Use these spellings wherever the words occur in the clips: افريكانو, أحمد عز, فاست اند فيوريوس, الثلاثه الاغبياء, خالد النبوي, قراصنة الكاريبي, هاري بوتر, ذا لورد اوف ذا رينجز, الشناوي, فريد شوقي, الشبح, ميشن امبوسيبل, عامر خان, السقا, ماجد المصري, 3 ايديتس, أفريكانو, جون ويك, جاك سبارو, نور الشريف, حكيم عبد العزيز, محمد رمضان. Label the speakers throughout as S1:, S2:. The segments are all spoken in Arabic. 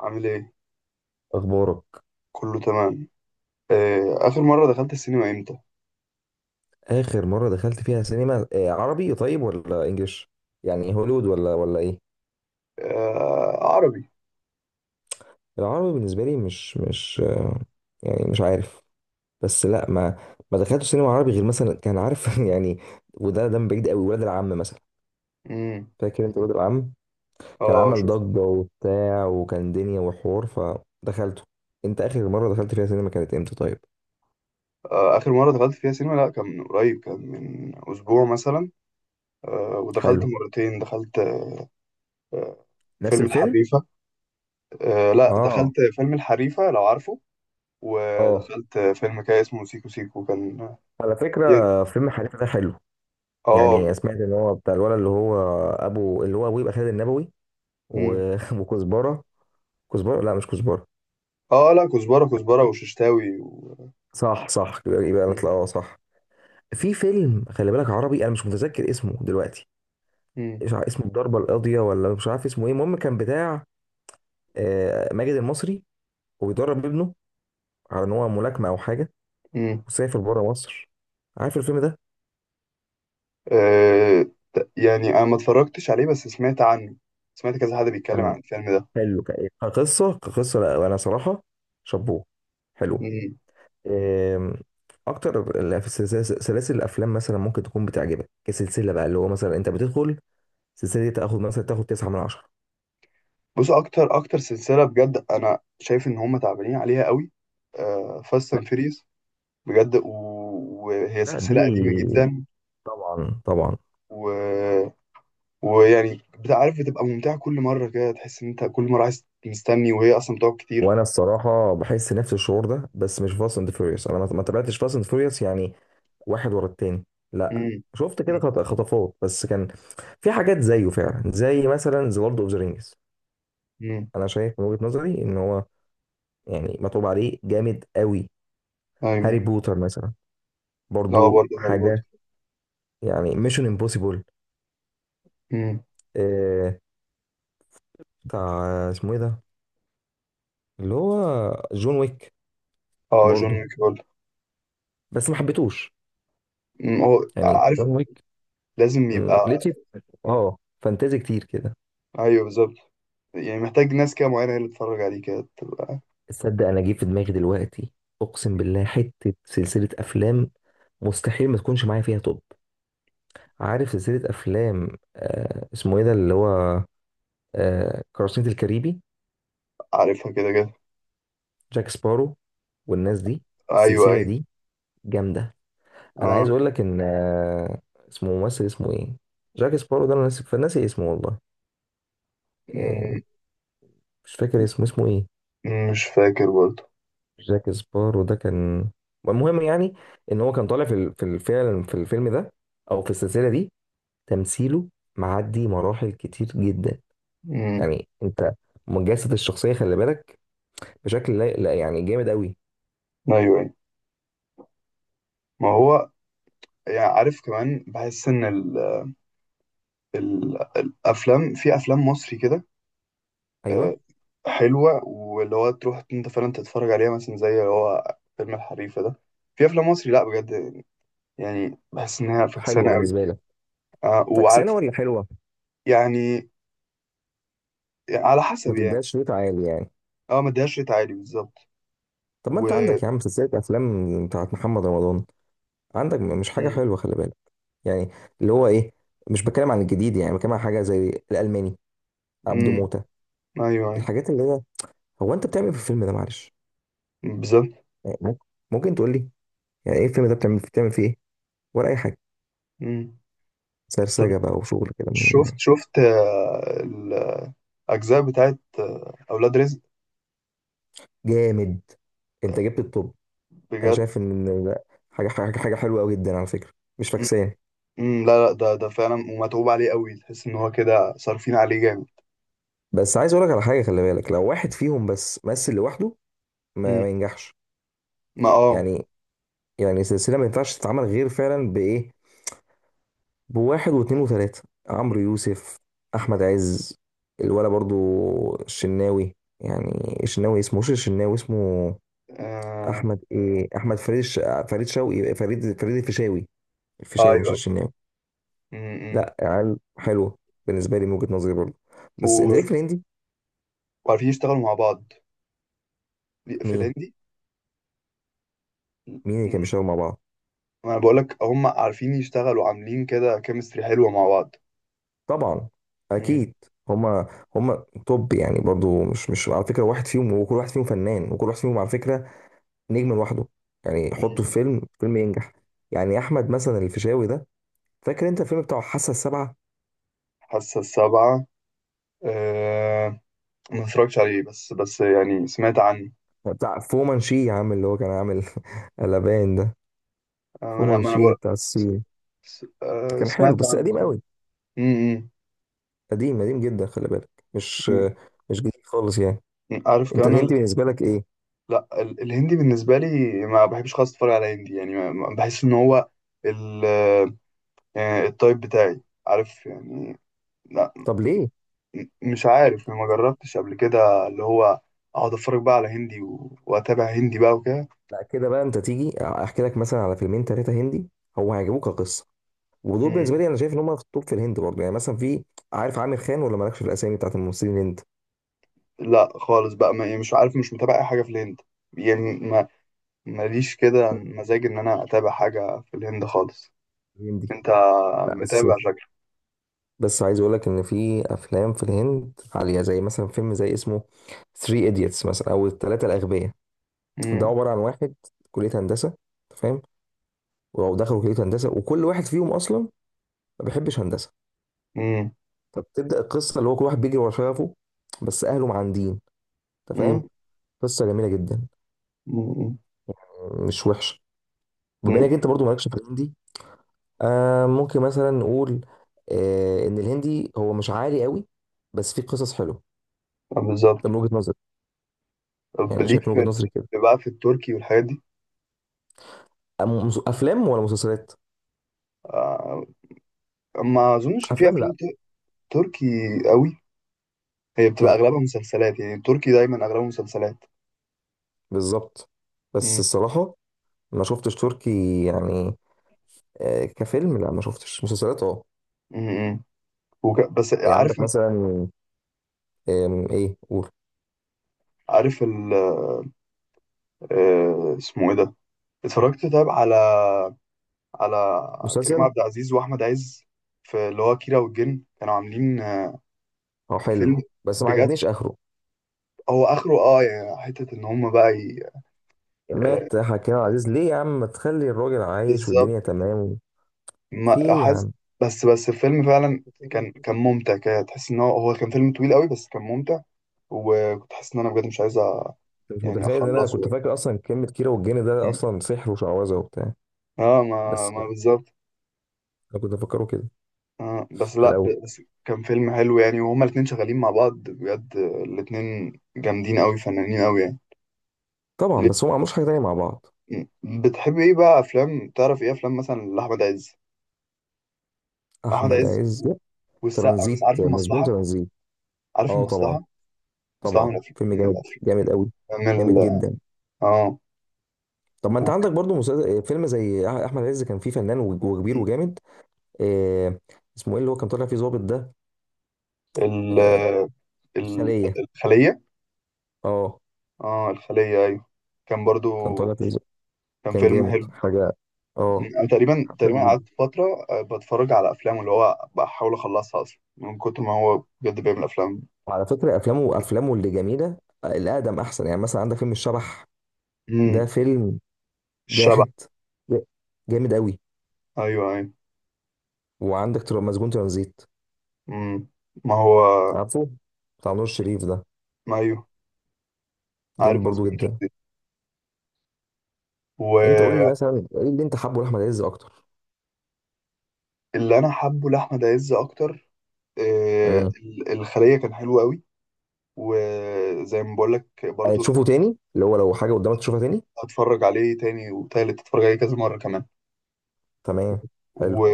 S1: عامل ايه؟
S2: اخبارك.
S1: كله تمام. آخر مرة دخلت السينما امتى؟
S2: اخر مره دخلت فيها سينما عربي طيب ولا انجليش؟ يعني هوليوود ولا ايه؟
S1: عربي.
S2: العربي بالنسبه لي مش يعني مش عارف. بس لا، ما دخلتش سينما عربي غير مثلا كان عارف يعني. وده من بعيد قوي، ولاد العم مثلا.
S1: امم.
S2: فاكر انت ولاد العم؟ كان
S1: اه،
S2: عمل
S1: شوف.
S2: ضجه وبتاع، وكان دنيا وحوار، فدخلته. انت اخر مره دخلت فيها سينما كانت امتى طيب؟
S1: آخر مرة دخلت فيها سينما، لا كان من قريب، كان من أسبوع مثلا. ودخلت
S2: حلو.
S1: مرتين، دخلت آه،
S2: نفس
S1: فيلم
S2: الفيلم؟
S1: الحريفة. لا،
S2: اه.
S1: دخلت فيلم الحريفة لو عارفه.
S2: اه،
S1: ودخلت فيلم كده اسمه سيكو سيكو كان.
S2: على فكره فيلم حريفه ده حلو.
S1: اه.
S2: يعني سمعت ان هو بتاع الولد اللي هو ابو، اللي هو ابوه يبقى خالد النبوي.
S1: امم.
S2: وكزبره. كزبره، لا مش كزبره.
S1: اه لا، كزبرة كزبرة وششتاوي و...
S2: صح صح، يبقى نطلع، اه صح. في فيلم خلي بالك عربي، انا مش متذكر اسمه دلوقتي.
S1: مم.
S2: مش عارف اسمه الضربه القاضيه، ولا مش عارف اسمه ايه. المهم كان بتاع ماجد المصري، وبيدرب ابنه على ان هو ملاكمه او حاجه،
S1: مم.
S2: وسافر بره مصر. عارف الفيلم ده؟
S1: أه. يعني انا ما اتفرجتش عليه بس سمعت عنه. سمعت كذا حد بيتكلم
S2: كان
S1: عن الفيلم ده.
S2: حلو. كقصه، كقصه لا انا صراحه شابوه، حلو.
S1: مم.
S2: آم، اكتر في سلاسل الافلام مثلا ممكن تكون بتعجبك كسلسله بقى، اللي هو مثلا انت بتدخل السلسله دي تاخد مثلا تاخد 9 من 10.
S1: بص، اكتر اكتر سلسله بجد انا شايف ان هم تعبانين عليها قوي، أه، فاست اند فيريز. بجد، وهي
S2: لا
S1: سلسله
S2: دي
S1: قديمه جدا
S2: طبعا طبعا.
S1: و... ويعني بتبقى عارف بتبقى ممتعه كل مره، كده تحس ان انت كل مره عايز مستني، وهي اصلا بتقعد كتير.
S2: وانا الصراحه بحس نفس الشعور ده، بس مش فاست اند فيوريوس. انا ما تابعتش فاست اند فيوريوس يعني، واحد ورا التاني. لا،
S1: مم.
S2: شفت كده
S1: مم.
S2: خطفات بس. كان في حاجات زيه فعلا، زي مثلا ذا لورد اوف ذا رينجز.
S1: مم.
S2: انا شايف من وجهة نظري ان هو يعني مطلوب عليه جامد قوي. هاري
S1: ايوه.
S2: بوتر مثلا
S1: اه،
S2: برضو
S1: برضه هاري بوتر.
S2: حاجة. يعني ميشن امبوسيبل،
S1: مم.
S2: بتاع اسمه ايه ده، اللي هو جون ويك.
S1: اه، جون
S2: برضه،
S1: ويك برضه.
S2: بس ما حبيتهوش
S1: مم. هو
S2: يعني
S1: عارف
S2: جون ويك.
S1: لازم
S2: مم،
S1: يبقى.
S2: لقيت اه فانتازي كتير كده.
S1: ايوه، بالظبط. يعني محتاج ناس كده معينة هي اللي تتفرج عليه كده تبقى.
S2: تصدق انا جه في دماغي دلوقتي، اقسم بالله، حته سلسله افلام مستحيل ما تكونش معايا فيها توب. عارف سلسله افلام اسمه ايه ده، اللي هو قراصنة الكاريبي؟
S1: عارفها كده كده.
S2: جاك سبارو والناس دي.
S1: أيوه
S2: السلسله
S1: أيوه.
S2: دي جامده. انا عايز
S1: آه.
S2: اقول لك ان اسمه، ممثل اسمه ايه، جاك سبارو ده انا ناسي، فناسي اسمه والله. آه،
S1: مم.
S2: مش فاكر اسمه، اسمه ايه.
S1: مش فاكر برضه.
S2: جاك سبارو ده كان، المهم يعني ان هو كان طالع في في الفيلم، في الفيلم ده او في السلسله دي، تمثيله معدي مراحل كتير جدا.
S1: مم.
S2: يعني انت مجسد الشخصيه خلي بالك بشكل لا لا، يعني جامد قوي.
S1: أيوه أيوه. ما هو يعني عارف كمان، بحس إن ال ال الأفلام في أفلام مصري كده آه،
S2: ايوه.
S1: حلوة، واللي هو تروح أنت فعلا تتفرج عليها مثلا زي اللي هو فيلم الحريفة ده. في أفلام مصري لأ بجد. يعني بحس إنها
S2: حلوه
S1: فكسانة أوي.
S2: بالنسبه لك؟
S1: آه،
S2: فكسانه
S1: وعارف
S2: ولا حلوه؟
S1: يعني، على حسب
S2: ما
S1: يعني.
S2: تديهاش ريت عالي يعني.
S1: اه، ما اديهاش ريت عالي بالظبط.
S2: طب ما
S1: و،
S2: انت عندك يا عم سلسله افلام بتاعت محمد رمضان، عندك مش حاجة
S1: مم،
S2: حلوة خلي بالك. يعني اللي هو ايه، مش بتكلم عن الجديد، يعني بتكلم عن حاجة زي الألماني، عبده
S1: مم،
S2: موتة.
S1: أيوه أيوه
S2: الحاجات اللي هي، هو انت بتعمل في الفيلم ده معلش؟
S1: بالظبط.
S2: يعني ممكن، ممكن تقول لي يعني ايه الفيلم ده، بتعمل فيه ايه ولا اي حاجة؟
S1: مم. طب،
S2: سرسجة بقى وشغل كده
S1: شفت شفت الأجزاء بتاعت أولاد رزق.
S2: جامد. انت جبت الطب. انا
S1: بجد.
S2: شايف ان لا، حاجة حلوة قوي جدا على فكرة، مش
S1: مم.
S2: فاكسان.
S1: مم. لا لا، ده ده فعلا ومتعوب عليه قوي، تحس إن هو كده صارفين عليه جامد.
S2: بس عايز اقول لك على حاجة، خلي بالك لو واحد فيهم بس مثل لوحده ما,
S1: مم.
S2: ما ينجحش.
S1: ما اه.
S2: يعني، يعني السلسلة ما ينفعش تتعمل غير فعلا بإيه؟ بواحد واثنين وثلاثة، عمرو يوسف، أحمد عز، الولا برضو، الشناوي. يعني الشناوي اسمه، مش الشناوي اسمه
S1: آه،
S2: أحمد إيه، أحمد فريد فريد شوقي، فريد الفيشاوي. الفيشاوي مش
S1: أيوه أيوه.
S2: الشناوي.
S1: مم. مم.
S2: لا عيال حلوة بالنسبة لي، من وجهة نظري برضو. بس أنت
S1: و-
S2: ليك في الهندي.
S1: وعارفين يشتغلوا مع بعض في
S2: مين؟
S1: الهندي.
S2: مين اللي كان
S1: مم.
S2: بيشتغل مع بعض؟
S1: ما أنا بقولك هم عارفين يشتغلوا، عاملين كده كيمستري حلوة مع بعض.
S2: طبعا،
S1: مم.
S2: أكيد. هما، هما توب يعني. برضو مش مش على فكرة واحد فيهم، وكل واحد فيهم فنان، وكل واحد فيهم على فكرة نجم لوحده. يعني حطه في
S1: مم.
S2: فيلم، فيلم ينجح. يعني احمد مثلا الفيشاوي ده، فاكر انت الفيلم بتاع حاسه السبعه،
S1: حاسة السبعة أه... ما اتفرجتش عليه، بس يعني سمعت عنه.
S2: بتاع فومانشي يا عم اللي هو كان عامل قلبان ده؟
S1: انا ما انا
S2: فومانشي
S1: بقى
S2: بتاع الصين. كان حلو
S1: سمعت
S2: بس
S1: عنه.
S2: قديم قوي،
S1: امم.
S2: قديم قديم جدا خلي بالك. مش مش جديد خالص يعني.
S1: عارف
S2: انت
S1: كمان
S2: الهندي
S1: ال...
S2: بالنسبه لك ايه؟
S1: لا، ال... الهندي بالنسبه لي ما بحبش خالص اتفرج على هندي، يعني ما... بحس ان هو ال... التايب بتاعي. عارف يعني. لا.
S2: طب ليه؟
S1: م- مش عارف، ما جربتش قبل كده اللي هو اقعد اتفرج بقى على هندي و... واتابع هندي بقى وكده.
S2: لا كده بقى، انت تيجي احكي لك مثلا على فيلمين ثلاثه هندي، هو هيعجبوك كقصه. ودول
S1: مم.
S2: بالنسبه لي انا شايف ان هم في التوب في الهند برضه. يعني مثلا في، عارف عامر خان، ولا مالكش في الاسامي بتاعت الممثلين الهند؟
S1: لا خالص بقى ما... يعني مش عارف، مش متابع اي حاجه في الهند. يعني ما، ماليش كده مزاج ان انا اتابع حاجه في الهند خالص.
S2: الهندي،
S1: انت
S2: لا بس،
S1: متابع شكلك.
S2: بس عايز اقول لك ان في افلام في الهند عاليه، زي مثلا فيلم زي اسمه 3 ايديتس مثلا، او الثلاثه الاغبياء. ده
S1: امم.
S2: عباره عن واحد، كليه هندسه، أنت فاهم، ودخلوا كليه هندسه وكل واحد فيهم اصلا ما بيحبش هندسه.
S1: امم.
S2: فبتبدا القصه اللي هو كل واحد بيجري ورا شغفه، بس اهله معاندين، انت
S1: امم.
S2: فاهم. قصه جميله جدا،
S1: امم.
S2: مش وحشه. بما
S1: امم.
S2: انك انت برضو مالكش في الهندي، آه ممكن مثلا نقول آه ان الهندي هو مش عالي قوي، بس فيه قصص حلوه.
S1: بالظبط.
S2: ده من وجهه نظري،
S1: طب
S2: يعني
S1: ليك
S2: شايف من
S1: في
S2: وجهه نظري كده.
S1: بقى في التركي والحاجات دي.
S2: افلام ولا مسلسلات؟
S1: آه، ما اظنش ان في
S2: افلام،
S1: افلام
S2: لا
S1: تركي قوي. هي بتبقى
S2: لا
S1: اغلبها مسلسلات، يعني التركي دايما اغلبها مسلسلات.
S2: بالظبط. بس
S1: امم.
S2: الصراحه ما شفتش تركي يعني، كفيلم لا. ما شفتش مسلسلات اه.
S1: امم. وك... بس
S2: يعني
S1: عارف،
S2: عندك مثلا، ايه قول.
S1: عارف ال... اسمه ايه ده، اتفرجت طيب على على كريم
S2: مسلسل؟
S1: عبد العزيز واحمد عز في اللي هو كيرة والجن، كانوا عاملين
S2: اه
S1: فيلم.
S2: حلو بس ما
S1: بجد.
S2: عجبنيش اخره.
S1: هو اخره اه يعني حته ان هم بقى ي... آه،
S2: مات حكيم عبد العزيز ليه يا عم؟ ما تخلي الراجل عايش
S1: بالظبط
S2: والدنيا تمام. في
S1: ما
S2: ايه يا
S1: حاسس.
S2: عم؟
S1: بس الفيلم فعلا كان
S2: أنت
S1: كان ممتع، كده تحس ان هو هو كان فيلم طويل قوي بس كان ممتع. وكنت حاسس ان انا بجد مش عايز
S2: مش
S1: يعني
S2: متخيل ان انا
S1: اخلصه
S2: كنت
S1: يعني.
S2: فاكر اصلا كلمه كيرة والجن ده
S1: مم.
S2: اصلا سحر وشعوذه وبتاع.
S1: اه، ما
S2: بس
S1: ما بالظبط.
S2: انا كنت افكره كده
S1: آه بس
S2: في
S1: لا،
S2: الاول.
S1: بس كان فيلم حلو، يعني وهما الاتنين شغالين مع بعض بجد، الاتنين جامدين قوي، فنانين قوي يعني.
S2: طبعا
S1: ليه؟
S2: بس هم ما عملوش حاجه تانيه مع بعض.
S1: مم. بتحب ايه بقى افلام، تعرف ايه افلام مثلا لاحمد عز؟ احمد
S2: احمد
S1: عز
S2: عز،
S1: والسقا، بس
S2: ترانزيت،
S1: عارف
S2: مسجون
S1: المصلحه.
S2: ترانزيت.
S1: عارف
S2: اه طبعا،
S1: المصلحه، اصل عامل
S2: طبعا
S1: افلام
S2: فيلم
S1: من
S2: جامد،
S1: الافلام،
S2: جامد قوي،
S1: من
S2: جامد
S1: ال-
S2: جدا.
S1: اه،
S2: طب ما انت
S1: وك-
S2: عندك برضو مسلسل، فيلم زي احمد عز كان فيه فنان وكبير وجامد. آه اسمه ايه اللي هو كان طالع فيه ظابط ده؟
S1: ال
S2: آه،
S1: ال-
S2: الخلية.
S1: الخليه.
S2: اه،
S1: اه الخليه، ايوه. كان برضو
S2: كان طالع فيه ظابط.
S1: كان
S2: كان
S1: فيلم
S2: جامد
S1: حلو.
S2: حاجة. اه،
S1: انا تقريبا تقريبا
S2: حلو جدا.
S1: قعدت فتره بتفرج على افلام، اللي هو بحاول اخلصها اصلا من كتر ما هو بجد بيعمل افلام.
S2: وعلى فكرة افلامه، افلامه اللي جميلة، الاقدم احسن. يعني مثلا عندك فيلم الشبح، ده
S1: امم.
S2: فيلم
S1: الشبح.
S2: جاحد، ج- جامد قوي.
S1: ايوه ايوه.
S2: وعندك مسجون ترانزيت،
S1: امم. ما هو،
S2: عارفه، بتاع نور الشريف ده،
S1: ما ايوه،
S2: جامد
S1: عارف
S2: برضو
S1: مسجون
S2: جدا.
S1: ترانزيت.
S2: انت قول لي
S1: واللي
S2: مثلا ايه اللي انت حابه لاحمد عز اكتر؟
S1: انا حابه لاحمد عز اكتر
S2: امم.
S1: الخليه كان حلو قوي. وزي ما بقول لك
S2: يعني
S1: برضو،
S2: تشوفه تاني اللي هو لو حاجه قدامك تشوفها تاني؟
S1: اتفرج عليه تاني وتالت، اتفرج عليه كذا مرة كمان.
S2: تمام، حلو.
S1: و...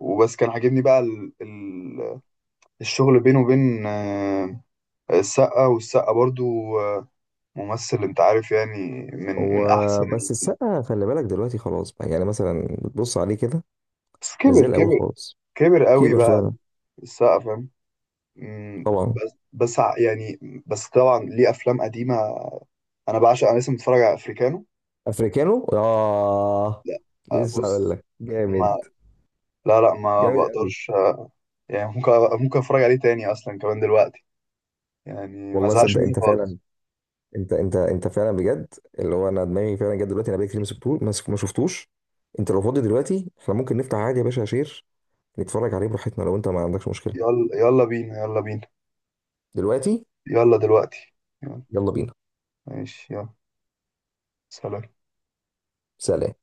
S1: وبس كان عاجبني بقى ال... ال... الشغل بينه وبين السقا. والسقا برضو آه، ممثل، انت عارف يعني، من
S2: هو
S1: من احسن
S2: بس السقا خلي بالك دلوقتي خلاص بقى، يعني مثلا بتبص عليه كده
S1: بس
S2: مش زي
S1: كبر
S2: الاول
S1: كبر.
S2: خالص.
S1: كبر قوي
S2: كبر
S1: بقى
S2: فعلا.
S1: السقا، فاهم. مم.
S2: طبعا.
S1: بس يعني بس طبعا ليه افلام قديمة. انا بعشق، انا لسه متفرج على افريكانو.
S2: افريكانو؟ اه،
S1: لا.
S2: لسه هقول
S1: بص،
S2: لك،
S1: ما
S2: جامد،
S1: لا لا، ما
S2: جامد قوي.
S1: بقدرش. يعني ممكن، ممكن اتفرج عليه تاني اصلا كمان دلوقتي. يعني ما
S2: والله
S1: زهقش
S2: صدق
S1: منه
S2: انت فعلا.
S1: خالص.
S2: انت انت انت فعلا بجد اللي هو، انا دماغي فعلا جت دلوقتي، انا بقالي كتير ما شفتوش، ما ما شفتوش. انت لو فاضي دلوقتي احنا ممكن نفتح عادي يا باشا شير، نتفرج عليه براحتنا لو انت ما عندكش مشكلة.
S1: يلا. يلا بينا، يلا بينا.
S2: دلوقتي؟
S1: يلا دلوقتي. يلا.
S2: يلا بينا.
S1: ماشي، يلا. سلام.
S2: سلام.